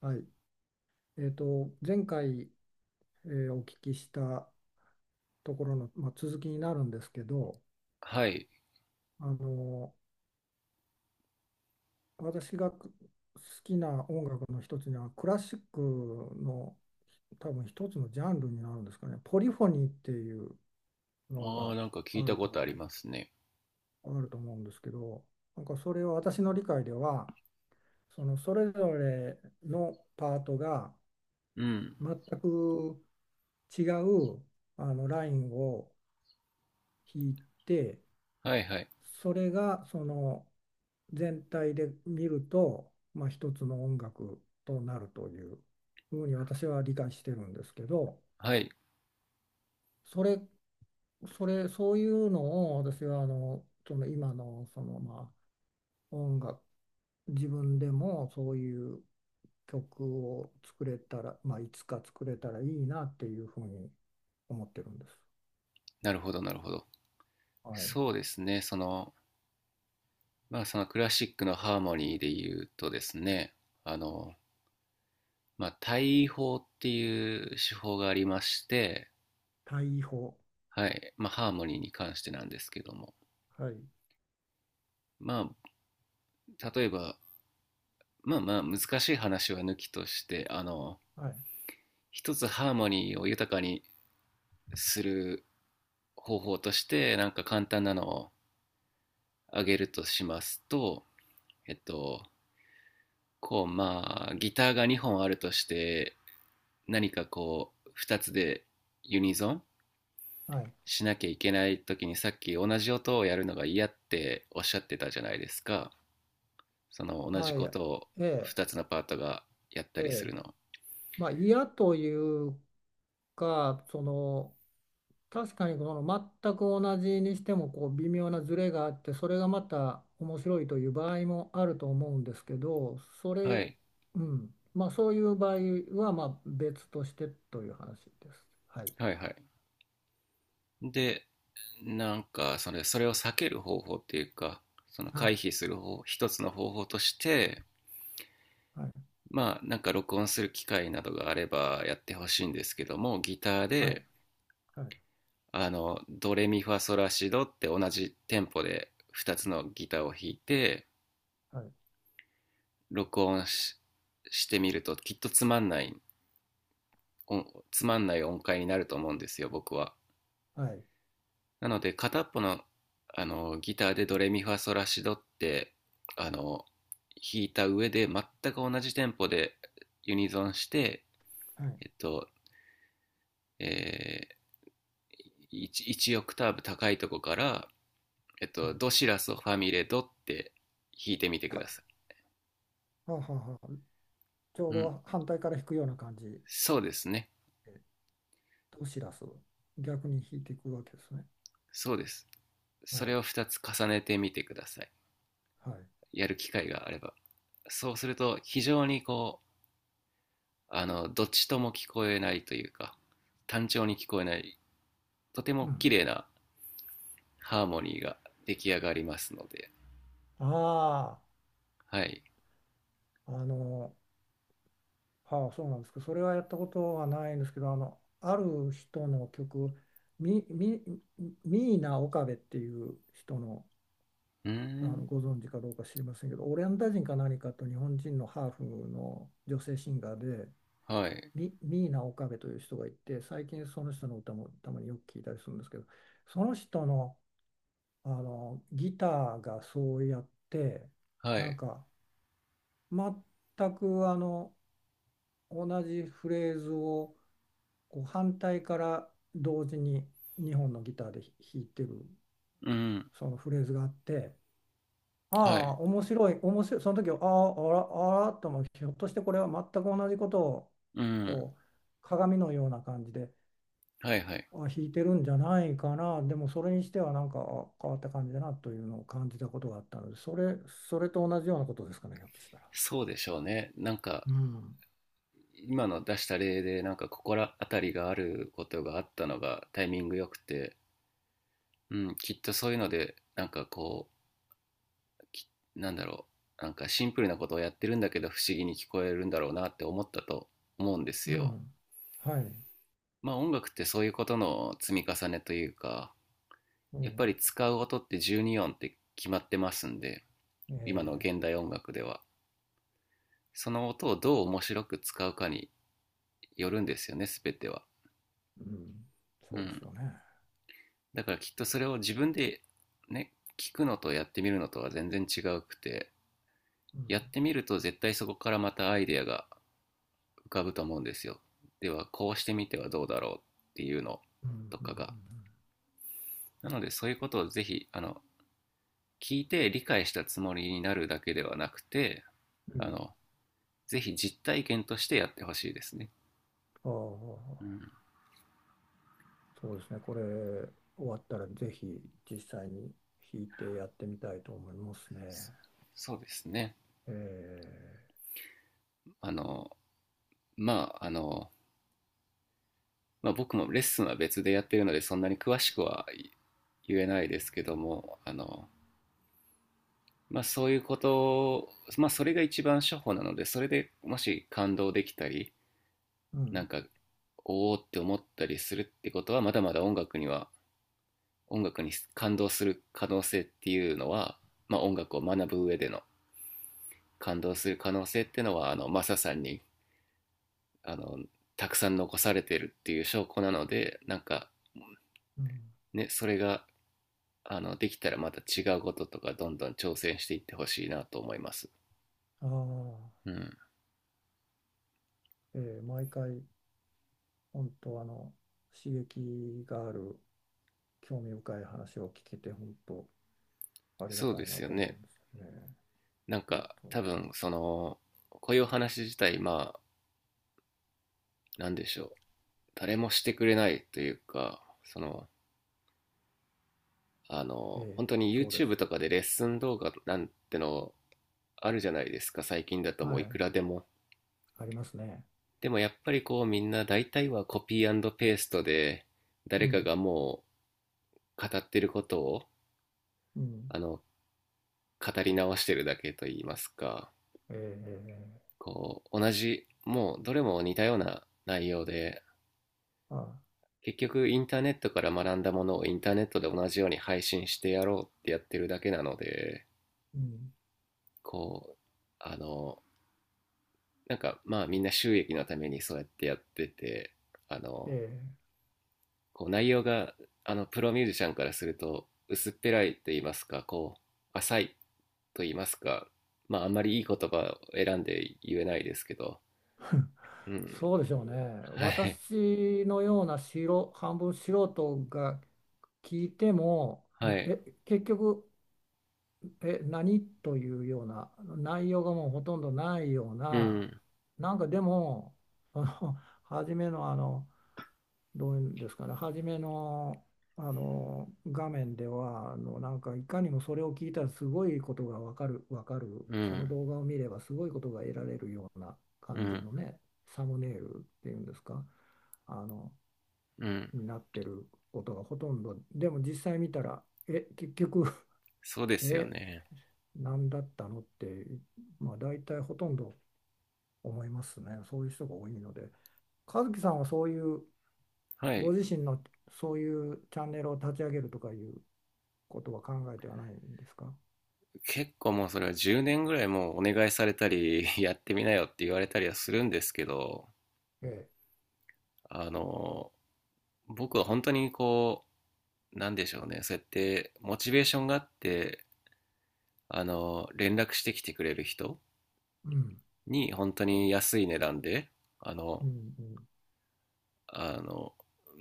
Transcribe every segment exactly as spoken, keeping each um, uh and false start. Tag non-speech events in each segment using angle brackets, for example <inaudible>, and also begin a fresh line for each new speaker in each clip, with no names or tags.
はい、えーと、前回、えーお聞きしたところの、まあ、続きになるんですけど、
はい。
あの私がく好きな音楽の一つにはクラシックの多分一つのジャンルになるんですかね、ポリフォニーっていうの
ああ、
が
なんか聞
あ
いた
る
こ
と
とあり
思
ますね。
う、あると思うんですけど、なんかそれは私の理解では、そのそれぞれのパートが
うん。
全く違うあのラインを弾いて、
はいはい。
それがその全体で見ると、まあ、一つの音楽となるというふうに私は理解してるんですけど
はい。
それ、それそういうのを私はあのその今のそのまあ音楽自分でもそういう曲を作れたら、まあ、いつか作れたらいいなっていうふうに思ってるんです。
なるほど、なるほど。
はい。
そうですね。その、まあ、そのクラシックのハーモニーで言うとですね、あの、まあ、対位法っていう手法がありまして、
対比法。
はい。まあ、ハーモニーに関してなんですけども。
はい。
まあ、例えば、まあまあ、難しい話は抜きとして、あの、
はい。
一つハーモニーを豊かにする方法として、なんか簡単なのを挙げるとしますと、えっと、こう、まあ、ギターがにほんあるとして、何かこう、ふたつでユニゾン
はい。
しなきゃいけない時にさっき同じ音をやるのが嫌っておっしゃってたじゃないですか。その同じ
はい。
ことを
ええ。
ふたつのパートがやった
え
りす
え。
るの。
まあ、嫌というか、その、確かにこの全く同じにしてもこう微妙なズレがあってそれがまた面白いという場合もあると思うんですけどそ
は
れ、
い。
うん、まあそういう場合はまあ別としてという話です。はい。
はいはい。で、なんかそれ、それを避ける方法っていうか、その
は
回
い。
避する方、一つの方法として、
はい。
まあなんか録音する機会などがあればやってほしいんですけども、ギター
はい。
で
はい。
あのドレミファソラシドって同じテンポでふたつのギターを弾いて
はい。
録音ししてみると、きっとつまんない音つまんない音階になると思うんですよ、僕は。
はい。
なので片っぽのあのギターでドレミファソラシドってあの弾いた上で、全く同じテンポでユニゾンして、
はい
えっとえー、いち, オクターブ高いとこから、えっ
は
と、
い。
ドシラソファミレドって弾いてみてく
たは
ださい。
あはあはあちょう
うん、
ど反対から引くような感じ
そうですね。
で、ドシラスを逆に引いていくわけですね。
そうです。
は
それ
い。
をふたつ重ねてみてください。
はい。
やる機会があれば。そうすると、非常にこう、あの、どっちとも聞こえないというか、単調に聞こえない、とて
う
も
ん。
綺麗なハーモニーが出来上がりますので、
あ
はい。
あ、あの、はあ、そうなんですけど、それはやったことはないんですけど、あの、ある人の曲、み、み、ミーナ・オカベっていう人の、
うー
あの、
ん、
ご存知かどうか知りませんけど、オランダ人か何かと日本人のハーフの女性シンガーで、
はい、
ミ、ミーナ・オカベという人がいて、最近その人の歌もたまによく聞いたりするんですけど、その人の、あのギターがそうやって、
は
なん
い、
か、全くあの、同じフレーズをこう反対から同時ににほんのギターで弾いてる
うん、
そのフレーズがあって、
は
あ
い、
あ、面白い面白いその時は、ああ、あらあらと、もひょっとしてこれは全く同じことを
うん、
こう鏡のような感じで
はい、はい。
あ弾いてるんじゃないかな、でもそれにしてはなんかあ変わった感じだなというのを感じたことがあったので、それそれと同じようなことですかね、ひょっとしたら。
そうでしょうね。なんか、
うん。
今の出した例で、なんかここら辺りがあることがあったのがタイミングよくて、うん、きっとそういうので、なんかこう、きなんだろう、なんかシンプルなことをやってるんだけど不思議に聞こえるんだろうなって思ったと思うんです
う
よ。
ん、はい、
まあ音楽ってそういうことの積み重ねというか、
う
やっぱ
ん、
り使う音ってじゅうに音って決まってますんで、今の現
ええ、
代音楽では。その音をどう面白く使うかによるんですよね、すべては。
うん、
う
そうで
ん。
すよね。
だからきっとそれを自分でね、聞くのとやってみるのとは全然違うくて、
う
やっ
ん。
てみると絶対そこからまたアイデアが浮かぶと思うんですよ。ではこうしてみてはどうだろうっていうの
うん。うん。う
とか
ん
が。なのでそういうことをぜひ、あの聞いて理解したつもりになるだけではなくて、
うんう
あ
ん。
のぜひ実体験としてやってほしいですね。
あ
う
あ、
ん、
そうですね。これ、終わったらぜひ実際に弾いてやってみたいと思いますね。
そうですね。
ええ。
あのまああの、まあ、僕もレッスンは別でやってるのでそんなに詳しくは言えないですけども、あの、まあ、そういうことを、まあ、それが一番処方なので、それでもし感動できたり
う
なん
ん。
かおおって思ったりするってことは、まだまだ音楽には音楽に感動する可能性っていうのは、まあ、音楽を学ぶ上での感動する可能性っていうのはあのマサさんにあのたくさん残されてるっていう証拠なので、なんか
うん。
ね、それがあのできたらまた違うこととかどんどん挑戦していってほしいなと思います。
ああ、
うん、
えー毎回、本当あの、刺激がある、興味深い話を聞けて、本当ありが
そう
た
で
いな
すよ
と思う
ね。
んですよね。
なん
本
か
当。
多分、そのこういうお話自体、まあ何でしょう、誰もしてくれないというか、その、あ
え
の、本
え。
当に
そうで
YouTube
す。
とかでレッスン動画なんてのあるじゃないですか、最近だとも
は
ういく
い。
らでも。
ありますね。
でもやっぱりこうみんな大体はコピーペーストで、誰
う
か
ん。
がもう語ってることを
うん。
あの語り直してるだけと言いますか、
ええ、
こう同じ、もうどれも似たような内容で、
あ、
結局インターネットから学んだものをインターネットで同じように配信してやろうってやってるだけなので、
うん、
こうあのなんか、まあみんな収益のためにそうやってやってて、あ
え
の
え、
こう内容が、あのプロミュージシャンからすると薄っぺらいと言いますか、こう浅いと言いますか、まああんまりいい言葉を選んで言えないですけど。
<laughs>
うん、
そうでしょうね。
はい
私のような素人、半分素人が聞いても、
はい、
え、結局、え、何というような内容がもうほとんどないよう
う
な、
ん
なんかでも、あの初めのあの、どういうんですかね、初めの、あの画面ではあのなんかいかにもそれを聞いたらすごいことがわかる、わかる、
う
その
ん
動画を見ればすごいことが得られるような
う
感じ
ん
のね、サムネイルっていうんですか、あの
うん、
になってることがほとんど、でも実際見たら、え、結局 <laughs>
そうですよ
え、
ね。
何だったのって、まあ、大体ほとんど思いますね、そういう人が多いので。和樹さんはそういう
はい。
ご自身のそういうチャンネルを立ち上げるとかいうことは考えてはないんですか。
結構もうそれはじゅうねんぐらいもうお願いされたり <laughs> やってみなよって言われたりはするんですけど、
ええ、
あの僕は本当にこう、なんでしょうね、そうやってモチベーションがあって、あの、連絡してきてくれる人
うん、
に本当に安い値段で、あ
う
の、
ん、うん。
あの、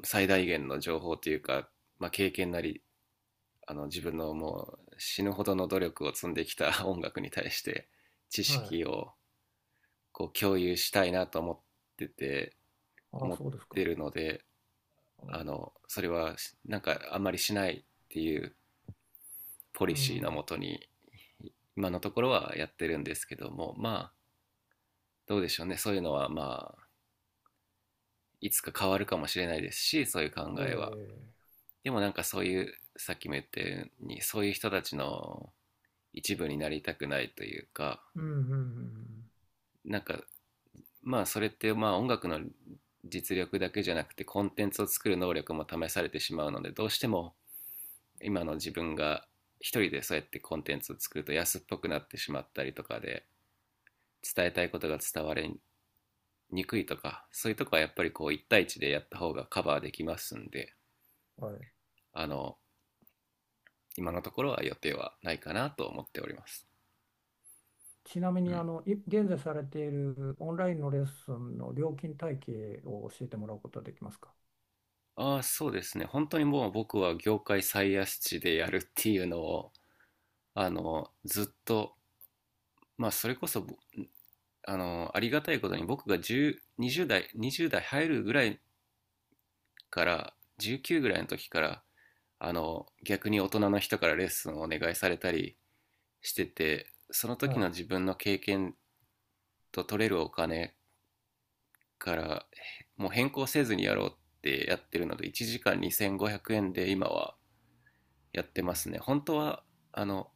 最大限の情報というか、まあ、経験なり、あの、自分のもう死ぬほどの努力を積んできた <laughs> 音楽に対して知
はい。
識をこう共有したいなと思ってて、
ああ、
思っ
そうです
て
か。
るので、
あ
あ
あ、
の、それはなんかあんまりしないっていうポ
う
リシーの
ん。
もとに、今のところはやってるんですけども、まあどうでしょうね、そういうのはまあいつか変わるかもしれないですし、そういう考
え
えは。
え、
でもなんか、そういうさっきも言ったようにそういう人たちの一部になりたくないというか、
うん、うん、うんうん
なんかまあそれって、まあ音楽の実力だけじゃなくてコンテンツを作る能力も試されてしまうので、どうしても今の自分が一人でそうやってコンテンツを作ると安っぽくなってしまったりとかで、伝えたいことが伝われ憎いとかそういうとこはやっぱりこういち対一でやった方がカバーできますんで、
うん。はい。
あの今のところは予定はないかなと思っております。
ちなみ
う
に、あ
ん、
の、い現在されているオンラインのレッスンの料金体系を教えてもらうことはできますか。
ああそうですね、本当にもう僕は業界最安値でやるっていうのをあのずっと、まあそれこそあのありがたいことに、僕が10 20代にじゅう代入るぐらいから、じゅうきゅうぐらいの時からあの逆に大人の人からレッスンをお願いされたりしてて、その
は
時
い。
の自分の経験と取れるお金からもう変更せずにやろうってやってるので、いちじかんにせんごひゃくえんで今はやってますね。本当はあの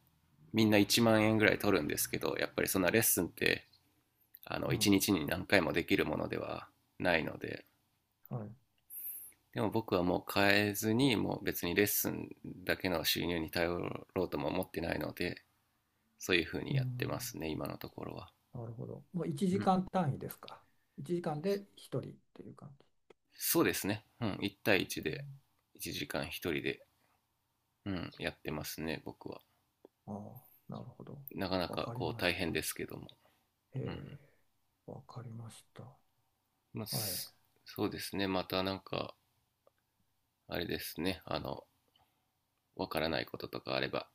みんないちまん円ぐらい取るんですけど、やっぱりそんなレッスンってあ
う
の1
ん。
日にちに何回もできるものではないので。
はい。
でも僕はもう変えずに、もう別にレッスンだけの収入に頼ろうとも思ってないので、そういうふう
う
にやって
ん。
ますね今のところは。
なるほど。もう1
うん、
時間単位ですか。いちじかんでひとりっていう感じ。
そうですね、うん、いち
う
対いちで
ん。
いちじかんひとりで、うん、やってますね、僕は。
ああ、なるほど。
なかな
わ
か
かり
こう
ま
大
し
変
た。
ですけども。う
え
ん。
え、わかりました。
まあ、
はい。
そうですね、またなんか、あれですね、あの、わからないこととかあれば、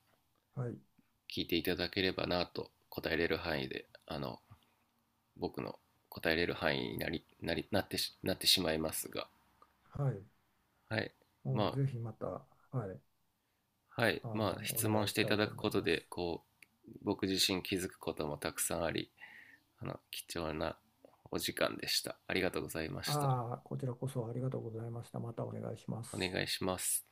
はい。
聞いていただければなと、答えれる範囲で、あの、僕の答えれる範囲になり、なり、なってし、なってしまいますが、
はい。
はい。
もう
ま
ぜひまた、はい。
あ、はい。
あの、
まあ、
お
質
願
問
い
し
し
てい
た
た
い
だ
と
く
思
こ
い
と
ま
で、
す。
こう、僕自身気づくこともたくさんあり、あの、貴重なお時間でした。ありがとうございました。
ああ、こちらこそありがとうございました。またお願いしま
お
す。
願いします。